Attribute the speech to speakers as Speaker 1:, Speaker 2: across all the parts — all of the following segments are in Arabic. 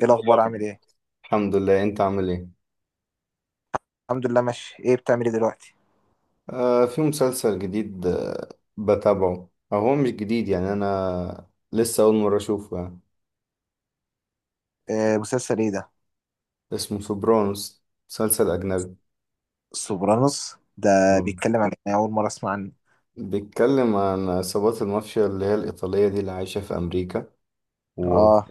Speaker 1: ايه الاخبار؟ عامل
Speaker 2: اليوم.
Speaker 1: ايه؟
Speaker 2: الحمد لله، انت عامل ايه؟
Speaker 1: الحمد لله، ماشي. ايه بتعمل ايه دلوقتي؟
Speaker 2: آه، في مسلسل جديد، بتابعه، او هو مش جديد يعني، انا لسه اول مرة اشوفه يعني.
Speaker 1: آه، مسلسل ايه ده؟
Speaker 2: اسمه سوبرانوس، مسلسل اجنبي.
Speaker 1: سوبرانوس ده؟
Speaker 2: مم.
Speaker 1: بيتكلم عن ايه؟ اول مره اسمع عنه.
Speaker 2: بيتكلم عن عصابات المافيا اللي هي الايطالية دي اللي عايشة في امريكا و...
Speaker 1: اه.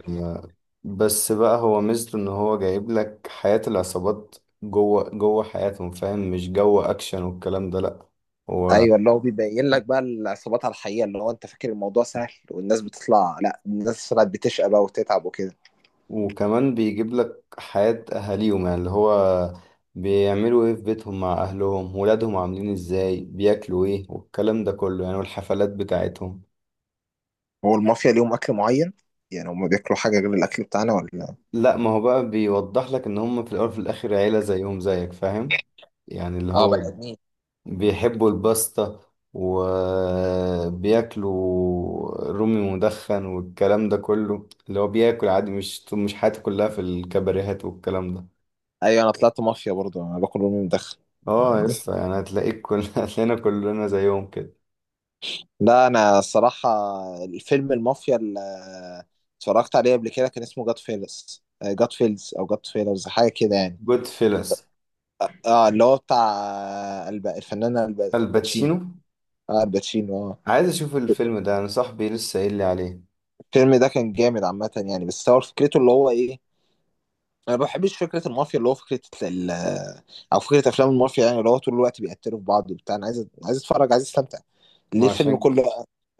Speaker 2: بس بقى هو ميزته ان هو جايب لك حياة العصابات، جوه جوه حياتهم، فاهم؟ مش جو اكشن والكلام ده، لا. هو
Speaker 1: ايوه، اللي هو بيبين لك بقى العصابات على الحقيقه، اللي هو انت فاكر الموضوع سهل والناس بتطلع، لا، الناس طلعت بتشقى بقى وتتعب وكده.
Speaker 2: وكمان بيجيب لك حياة أهاليهم، يعني اللي هو بيعملوا إيه في بيتهم مع أهلهم، ولادهم عاملين إزاي، بياكلوا إيه والكلام ده كله يعني، والحفلات بتاعتهم.
Speaker 1: هو المافيا ليهم اكل معين؟ يعني هم بياكلوا حاجه غير الاكل بتاعنا ولا؟
Speaker 2: لا، ما هو بقى بيوضح لك إن هم في الأول وفي الآخر عيلة زيهم زيك، فاهم؟ يعني اللي
Speaker 1: اه،
Speaker 2: هو
Speaker 1: بني ادمين.
Speaker 2: بيحبوا الباستا، وبياكلوا رومي مدخن والكلام ده كله، اللي هو بياكل عادي، مش حياته كلها في الكباريهات والكلام ده.
Speaker 1: ايوه، انا طلعت مافيا برضه، انا باكل امي مدخن.
Speaker 2: اه،
Speaker 1: عندي.
Speaker 2: لسه يعني، هتلاقيك كل هتلاقينا كلنا زيهم كده.
Speaker 1: لا، انا الصراحه الفيلم المافيا اللي اتفرجت عليه قبل كده كان اسمه جاد فيلز، جاد فيلز او جاد فيلرز، حاجه كده يعني.
Speaker 2: جود فيلس.
Speaker 1: اه، اللي هو بتاع الفنان الباتشينو.
Speaker 2: الباتشينو.
Speaker 1: اه، الباتشينو، اه.
Speaker 2: عايز اشوف الفيلم ده، انا صاحبي لسه قايل لي عليه.
Speaker 1: الفيلم ده كان جامد عامه يعني، بس هو فكرته اللي هو ايه؟ انا ما بحبش فكره المافيا، اللي هو فكره ال- او فكره افلام المافيا يعني، اللي هو طول الوقت بيقتلوا في بعض وبتاع. انا عايز اتفرج، عايز استمتع. ليه
Speaker 2: ما
Speaker 1: الفيلم
Speaker 2: عشان
Speaker 1: كله؟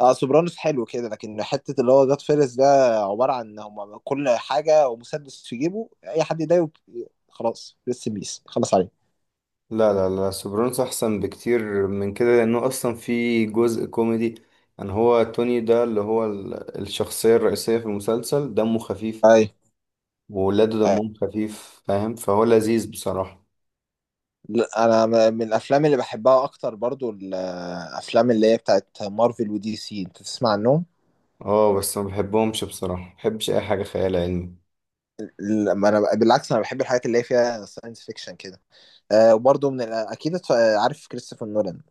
Speaker 1: اه، سوبرانوس حلو كده، لكن حته اللي هو جاد فيرس ده عباره عن ان هم كل حاجه ومسدس في جيبه، اي حد يضايقه خلاص لسه بيس خلاص عليه.
Speaker 2: لا لا لا، سوبرانوس احسن بكتير من كده، لانه اصلا في جزء كوميدي، ان هو توني ده اللي هو الشخصية الرئيسية في المسلسل دمه خفيف،
Speaker 1: اي.
Speaker 2: وولاده
Speaker 1: أي.
Speaker 2: دمهم خفيف، فاهم؟ فهو لذيذ بصراحة.
Speaker 1: لا، انا من الافلام اللي بحبها اكتر، برضو الافلام اللي هي بتاعت مارفل ودي سي. انت تسمع عنهم؟
Speaker 2: اه، بس ما بحبهمش بصراحة، ما بحبش اي حاجة خيال علمي.
Speaker 1: لما انا بالعكس، انا بحب الحاجات اللي هي فيها ساينس فيكشن كده. وبرضو من ال- اكيد اتف- عارف كريستوفر نولان؟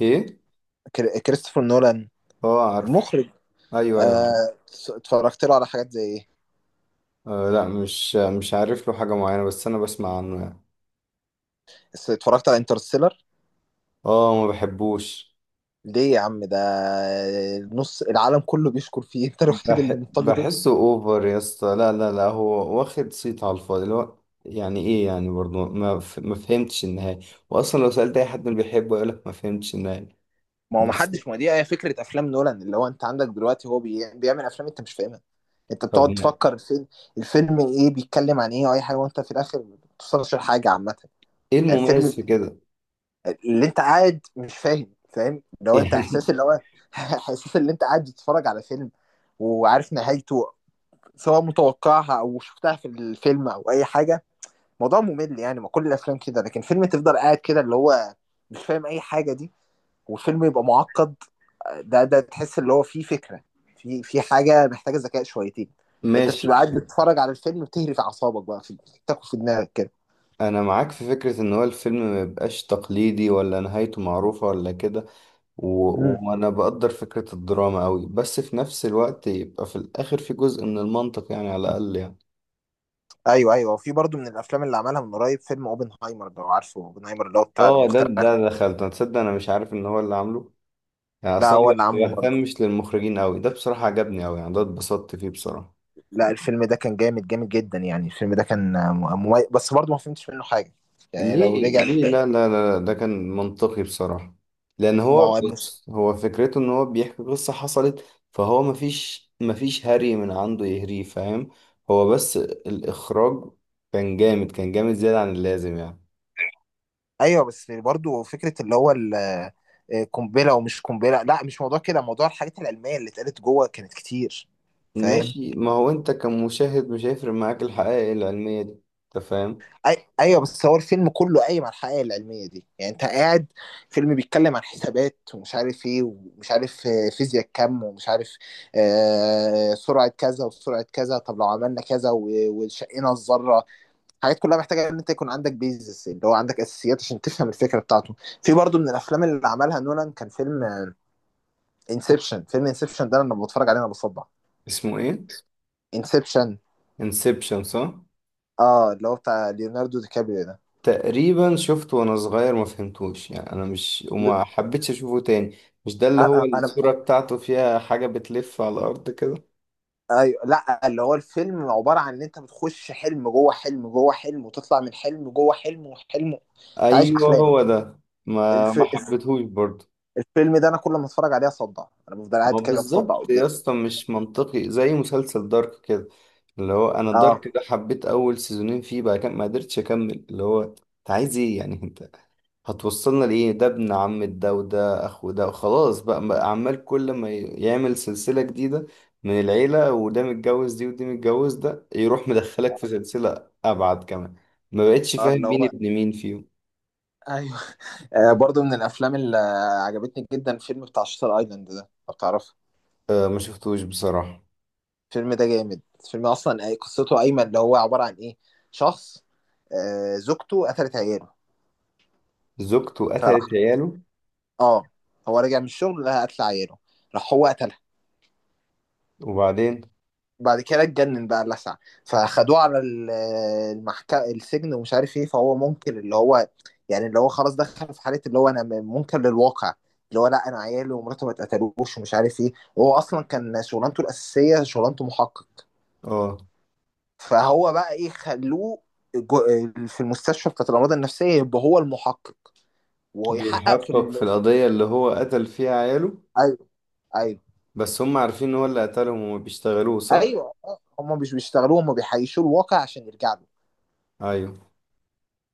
Speaker 2: ايه.
Speaker 1: كريستوفر نولان.
Speaker 2: اه عارف.
Speaker 1: المخرج.
Speaker 2: ايوه ايوه.
Speaker 1: آه، اتفرجت له على حاجات زي ايه؟
Speaker 2: آه، لا، مش عارف له حاجة معينة، بس أنا بسمع عنه يعني.
Speaker 1: اتفرجت على انترستيلر.
Speaker 2: اه، ما بحبوش.
Speaker 1: ليه يا عم؟ ده نص العالم كله بيشكر فيه. انت الوحيد
Speaker 2: بح
Speaker 1: اللي منتقده.
Speaker 2: بحسه أوفر يا اسطى، لا لا لا، هو واخد صيت على الفاضي، اللي هو يعني إيه يعني؟ برضه ما فهمتش النهاية، وأصلا لو سألت أي حد ما بيحبه يقولك ما فهمتش النهاية.
Speaker 1: ما هو
Speaker 2: بس.
Speaker 1: محدش، ما دي هي فكرة افلام نولان، اللي هو انت عندك دلوقتي، هو بيعمل افلام انت مش فاهمها. انت
Speaker 2: طب،
Speaker 1: بتقعد تفكر الفيلم. الفيلم ايه، بيتكلم عن ايه، واي حاجة، وانت في الاخر ما بتوصلش لحاجة عامة.
Speaker 2: إيه
Speaker 1: يعني
Speaker 2: المميز
Speaker 1: الفيلم
Speaker 2: في كده؟
Speaker 1: اللي انت قاعد مش فاهم، فاهم اللي هو انت
Speaker 2: يعني.
Speaker 1: احساس اللي هو احساس اللي انت قاعد بتتفرج على فيلم. وعارف نهايته. سواء متوقعها او شفتها في الفيلم او اي حاجة. موضوع ممل يعني، ما كل الافلام كده، لكن فيلم تفضل قاعد كده اللي هو مش فاهم اي حاجه دي. وفيلم يبقى معقد، ده تحس اللي هو فيه فكره. في حاجه محتاجه ذكاء شويتين. يعني انت
Speaker 2: ماشي.
Speaker 1: بتبقى قاعد بتتفرج على الفيلم بتهري في اعصابك بقى، في بتاخد في دماغك كده.
Speaker 2: أنا معاك في فكرة إن هو الفيلم ما يبقاش تقليدي، ولا نهايته معروفة ولا كده،
Speaker 1: مم.
Speaker 2: وانا بقدر فكرة الدراما قوي، بس في نفس الوقت يبقى في الاخر في جزء من المنطق يعني، على الاقل يعني.
Speaker 1: ايوه، ايوه، وفي برضو من الافلام اللي عملها من قريب فيلم اوبنهايمر، لو عارفه اوبنهايمر اللي هو بتاع
Speaker 2: اه، ده
Speaker 1: المخترع.
Speaker 2: ده
Speaker 1: كده.
Speaker 2: دخلت، انا تصدق انا مش عارف ان هو اللي عامله، يعني
Speaker 1: لا،
Speaker 2: اصلا
Speaker 1: هو
Speaker 2: ما
Speaker 1: اللي عامله برضو.
Speaker 2: بهتمش للمخرجين قوي، ده بصراحة عجبني قوي يعني، ده اتبسطت فيه بصراحة.
Speaker 1: لا، الفيلم ده كان جامد جامد جدا يعني، الفيلم ده كان مميز، بس برضو ما فهمتش منه حاجه. يعني لو
Speaker 2: ليه؟
Speaker 1: رجع.
Speaker 2: ليه؟ لا لا لا لا، ده كان منطقي بصراحة، لان هو
Speaker 1: ما مش.
Speaker 2: بص هو فكرته ان هو بيحكي قصة حصلت، فهو مفيش هري من عنده يهريه، فاهم؟ هو بس الاخراج كان جامد، كان جامد زيادة عن اللازم يعني.
Speaker 1: ايوه، بس برضو فكره اللي هو ال- آه، قنبله ومش قنبله، لا مش موضوع كده، موضوع الحاجات العلميه اللي اتقالت جوه كانت كتير. فاهم.
Speaker 2: ماشي، ما هو انت كمشاهد مش هيفرق معاك الحقائق العلمية دي، انت فاهم.
Speaker 1: ايوه، بس هو الفيلم كله قايم على الحقائق العلميه دي، يعني انت قاعد. فيلم بيتكلم عن حسابات ومش عارف ايه، ومش عارف فيزياء كم، ومش عارف. سرعه كذا وسرعه كذا، طب لو عملنا كذا و... وشقينا الذره. الحاجات كلها محتاجه ان انت يكون عندك بيزس، اللي هو عندك اساسيات، عشان تفهم الفكره بتاعته. في برضو من الافلام اللي عملها نولان كان فيلم انسبشن. فيلم انسبشن ده لما بتفرج عليه انا بصدع.
Speaker 2: اسمه ايه؟
Speaker 1: انسبشن.
Speaker 2: انسبشن صح.
Speaker 1: اه، اللي هو بتاع ليوناردو دي كابريو ده.
Speaker 2: تقريبا شفته وانا صغير، ما فهمتوش يعني، انا مش وما حبيتش اشوفه تاني. مش ده اللي هو
Speaker 1: انا.
Speaker 2: الصورة بتاعته فيها حاجة بتلف على الارض كده؟
Speaker 1: ايوه، لا، اللي هو الفيلم عباره عن ان انت بتخش حلم جوه حلم جوه حلم، وتطلع من حلم جوه حلم وحلم. انت عايش
Speaker 2: ايوه
Speaker 1: احلام.
Speaker 2: هو ده. ما
Speaker 1: الف...
Speaker 2: ما
Speaker 1: الف-
Speaker 2: حبيتهوش برضه.
Speaker 1: الفيلم ده انا كل ما اتفرج عليه اصدع، انا بفضل
Speaker 2: ما
Speaker 1: قاعد
Speaker 2: هو
Speaker 1: كده بصدع
Speaker 2: بالظبط
Speaker 1: قدام.
Speaker 2: يا اسطى، مش منطقي زي مسلسل دارك كده، اللي هو انا دارك
Speaker 1: اه.
Speaker 2: ده حبيت اول سيزونين فيه، بعد كده ما قدرتش اكمل، اللي هو انت عايز ايه يعني؟ انت هتوصلنا لإيه؟ ده ابن عم ده، وده أخو ده، وخلاص بقى عمال كل ما يعمل سلسلة جديدة من العيلة، وده متجوز دي ودي متجوز ده، يروح مدخلك في سلسلة أبعد كمان، ما بقتش
Speaker 1: اه.
Speaker 2: فاهم
Speaker 1: اللي
Speaker 2: مين
Speaker 1: هو.
Speaker 2: ابن مين فيهم.
Speaker 1: ايوه. برضو من الافلام اللي عجبتني جدا الفيلم بتاع شاتر ايلاند ده، لو تعرفه.
Speaker 2: آه، ما شفتوش بصراحة.
Speaker 1: الفيلم ده جامد، الفيلم اصلا قصته ايمن، اللي هو عباره عن ايه؟ شخص. زوجته قتلت عياله.
Speaker 2: زوجته
Speaker 1: فراح.
Speaker 2: قتلت عياله؟
Speaker 1: اه. هو رجع من الشغل، لقى قتل عياله. راح هو قتلها.
Speaker 2: وبعدين؟
Speaker 1: بعد كده اتجنن بقى اللسع. فخدوه على المحكمة، السجن ومش عارف ايه، فهو منكر اللي هو. يعني اللي هو خلاص دخل في حالة اللي هو انا منكر للواقع. اللي هو لا، انا عيالي ومراته ما اتقتلوش ومش عارف ايه، وهو اصلا كان شغلانته الاساسية، شغلانته محقق.
Speaker 2: اه.
Speaker 1: فهو بقى ايه، خلوه جو- في المستشفى بتاعت الامراض النفسيه، يبقى هو المحقق. ويحقق في
Speaker 2: بيحقق في
Speaker 1: ال... في-
Speaker 2: القضية اللي هو قتل فيها عياله،
Speaker 1: ايوه، ايوه،
Speaker 2: بس هم عارفين إن هو اللي قتلهم وما بيشتغلوه صح؟
Speaker 1: ايوه. هم مش بيشتغلوا، هم بيحيشوا الواقع عشان يرجع له.
Speaker 2: أيوه.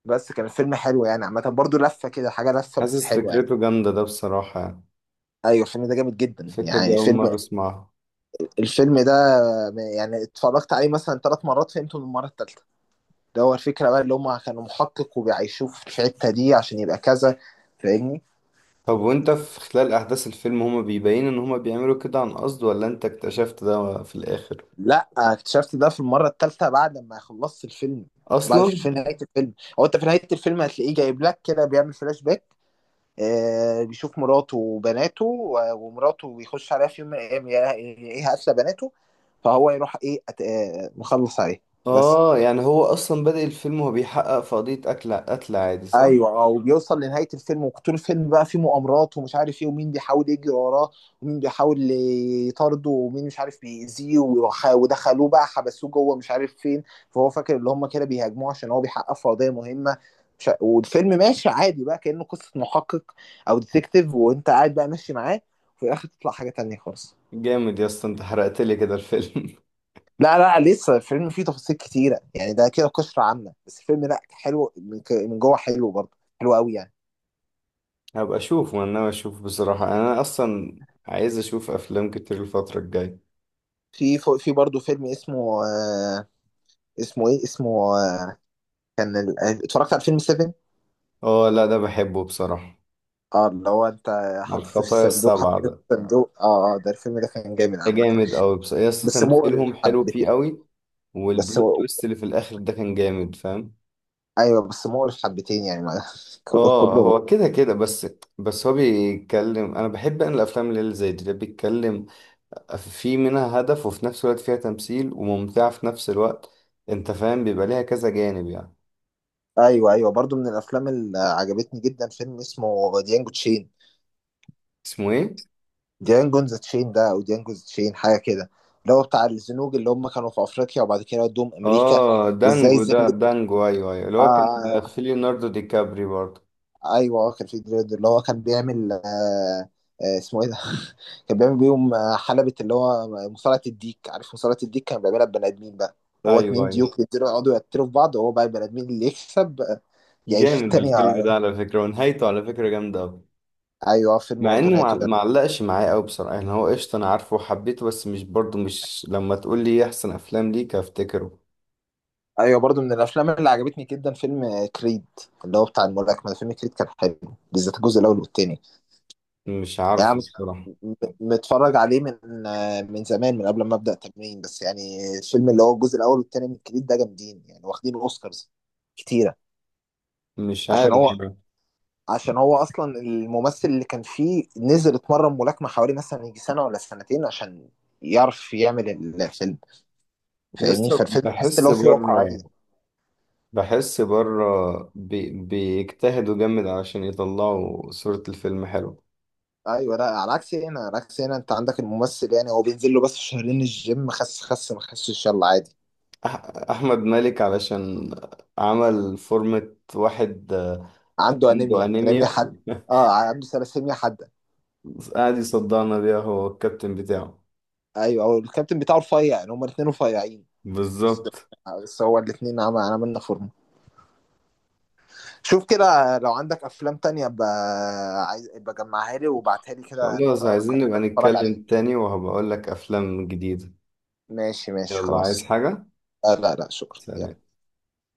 Speaker 1: بس كان الفيلم حلو يعني عامه برضو، لفه كده حاجه لفه بس
Speaker 2: حاسس
Speaker 1: حلوه يعني.
Speaker 2: فكرته جامدة ده بصراحة يعني،
Speaker 1: ايوه، الفيلم ده جامد جدا
Speaker 2: الفكرة دي
Speaker 1: يعني،
Speaker 2: أول
Speaker 1: فيلم.
Speaker 2: مرة أسمعها.
Speaker 1: الفيلم ده. يعني اتفرجت عليه مثلا ثلاث مرات، فهمته من المره الثالثه. ده هو الفكره بقى، اللي هم كانوا محقق وبيعيشوه في الحته دي عشان يبقى كذا. فاهمني؟
Speaker 2: طب وانت في خلال احداث الفيلم هما بيبين ان هما بيعملوا كده عن قصد، ولا انت اكتشفت ده في الاخر؟
Speaker 1: لا، اكتشفت ده في المره الثالثه بعد ما خلصت الفيلم. بعد
Speaker 2: اصلا.
Speaker 1: في نهايه الفيلم. هو انت في نهايه الفيلم هتلاقيه جايب لك كده بيعمل فلاش باك. بيشوف مراته وبناته و- ومراته، بيخش عليها في يوم من الايام، ايه، قاتله بناته. فهو يروح ايه أت... آه مخلص عليه. بس.
Speaker 2: اه، يعني هو اصلا بادئ الفيلم وهو بيحقق في قضية قتل عادي صح؟
Speaker 1: ايوه، اه، وبيوصل لنهايه الفيلم، وطول الفيلم بقى فيه مؤامرات ومش عارف ايه، ومين بيحاول يجري وراه. ومين بيحاول. يطارده، ومين مش عارف بيأذيه، ودخلوه بقى حبسوه جوه مش عارف فين. فهو فاكر اللي هم كده بيهاجموه عشان هو بيحقق في قضيه مهمه. مش ع- والفيلم ماشي عادي بقى كأنه قصه محقق. او ديتكتيف، وانت قاعد بقى ماشي معاه. وفي الاخر تطلع حاجه تانية خالص.
Speaker 2: جامد يا اسطى، انت حرقت لي كده الفيلم.
Speaker 1: لا، لا، لسه الفيلم فيه تفاصيل كتيره يعني، ده كده قشره عامه، بس الفيلم لا حلو، من جوه حلو برضه، حلو قوي يعني.
Speaker 2: هبقى اشوفه، انا ناوي اشوفه بصراحة يعني، انا اصلا عايز اشوف افلام كتير الفترة الجاية.
Speaker 1: في برضه فيلم اسمه. اسمه ايه؟ اسمه. آه كان ال- آه، اتفرجت على فيلم 7.
Speaker 2: اه، لا ده بحبه بصراحة.
Speaker 1: اه، اللي هو انت
Speaker 2: على
Speaker 1: حاطط في
Speaker 2: الخطايا
Speaker 1: الصندوق، حاطط
Speaker 2: السبعة
Speaker 1: في
Speaker 2: ده،
Speaker 1: الصندوق، اه، اه، ده الفيلم ده كان جامد
Speaker 2: ده
Speaker 1: عامة.
Speaker 2: جامد قوي، بس يا اسطى
Speaker 1: بس مقرف
Speaker 2: تمثيلهم حلو فيه
Speaker 1: حبتين.
Speaker 2: قوي،
Speaker 1: بس
Speaker 2: والبلوت
Speaker 1: هو-.
Speaker 2: تويست اللي في الاخر ده كان جامد، فاهم؟
Speaker 1: ايوه، بس مقرف حبتين يعني، ما كل-
Speaker 2: اه،
Speaker 1: كله
Speaker 2: هو كده كده بس. بس هو بيتكلم، انا بحب ان الافلام اللي زي دي اللي بيتكلم في منها هدف، وفي نفس الوقت فيها تمثيل وممتعة في نفس الوقت، انت فاهم، بيبقى ليها كذا جانب يعني.
Speaker 1: ايوه، ايوه، برضه من الافلام اللي عجبتني جدا فيلم اسمه ديانجو تشين.
Speaker 2: اسمه ايه؟
Speaker 1: ديانجو ذا تشين ده، او ديانجو ذا تشين، حاجة كده. اللي هو بتاع الزنوج اللي هم كانوا في افريقيا، وبعد كده ودوهم امريكا.
Speaker 2: اه،
Speaker 1: وازاي
Speaker 2: دانجو ده،
Speaker 1: الزنجة.
Speaker 2: دانجو، ايوه ايوه، اللي هو كان
Speaker 1: آه.
Speaker 2: في ليوناردو دي كابري برضه.
Speaker 1: ايوه، كان في دريد اللي هو كان بيعمل. اسمه ايه ده؟ كان بيعمل بيهم حلبة اللي هو مصارعة الديك، عارف مصارعة الديك، كان بيعملها ببني ادمين بقى. اللي هو
Speaker 2: ايوه
Speaker 1: اتنين
Speaker 2: ايوه.
Speaker 1: ديوك يقدروا يقعدوا يقتلوا في بعض، وهو بقى البني ادمين اللي يكسب. يعيش
Speaker 2: جامد
Speaker 1: التاني
Speaker 2: الفيلم
Speaker 1: ع-
Speaker 2: ده على فكرة، ونهايته على فكرة جامدة أوي،
Speaker 1: ايوه، فيلم
Speaker 2: مع
Speaker 1: برضه
Speaker 2: انه مع-
Speaker 1: نهايته جامد.
Speaker 2: معلقش معايا قوي بصراحة يعني، هو قشطة انا عارفه وحبيته، بس مش برضه، مش لما تقول لي إيه احسن افلام ليك هفتكره.
Speaker 1: ايوه، برضه من الافلام اللي عجبتني جدا فيلم كريد. اللي هو بتاع الملاكمة، فيلم كريد كان حلو. بالذات الجزء الاول والتاني.
Speaker 2: مش عارف
Speaker 1: يعني.
Speaker 2: بصراحة.
Speaker 1: م- متفرج عليه من زمان من قبل ما ابدا تمرين، بس يعني الفيلم اللي هو الجزء الاول والتاني من الكريد ده جامدين يعني، واخدين اوسكارز. كتيره.
Speaker 2: مش
Speaker 1: عشان
Speaker 2: عارف
Speaker 1: هو.
Speaker 2: يعني.
Speaker 1: عشان هو اصلا الممثل اللي كان فيه نزل اتمرن ملاكمه حوالي مثلا يجي سنه ولا سنتين عشان. يعرف يعمل. الفيلم. فاهمني؟
Speaker 2: يسطا
Speaker 1: فالفيلم تحس ان
Speaker 2: بحس
Speaker 1: هو فيه واقعيه.
Speaker 2: بره، بحس بره، بيجتهدوا جامد علشان يطلعوا صورة الفيلم حلوة.
Speaker 1: ايوه، لا، على عكس هنا، على عكس هنا، انت عندك الممثل يعني هو بينزل له بس شهرين الجيم، خس خس، ما خسش، يلا عادي.
Speaker 2: أح أحمد مالك، علشان عمل فورمة واحد
Speaker 1: عنده
Speaker 2: عنده
Speaker 1: انيميا، انيميا،
Speaker 2: أنيميا.
Speaker 1: حد. اه، عنده ثلاسيميا، حد.
Speaker 2: قاعد يصدعنا بيها هو الكابتن بتاعه.
Speaker 1: ايوه، هو الكابتن بتاعه رفيع يعني، هما الاثنين رفيعين. بس.
Speaker 2: بالظبط.
Speaker 1: بس هو الاثنين عملنا فورمه. شوف كده، لو عندك افلام تانية عايز، بجمعها لي وبعتها لي كده،
Speaker 2: خلاص،
Speaker 1: ممكن
Speaker 2: عايزين
Speaker 1: نبقى
Speaker 2: نبقى
Speaker 1: نتفرج عليها.
Speaker 2: نتكلم تاني وهبقول لك أفلام جديدة.
Speaker 1: ماشي، ماشي،
Speaker 2: يلا، عايز
Speaker 1: خلاص.
Speaker 2: حاجة؟
Speaker 1: آه، لا، لا، شكرا، يلا.
Speaker 2: سلام.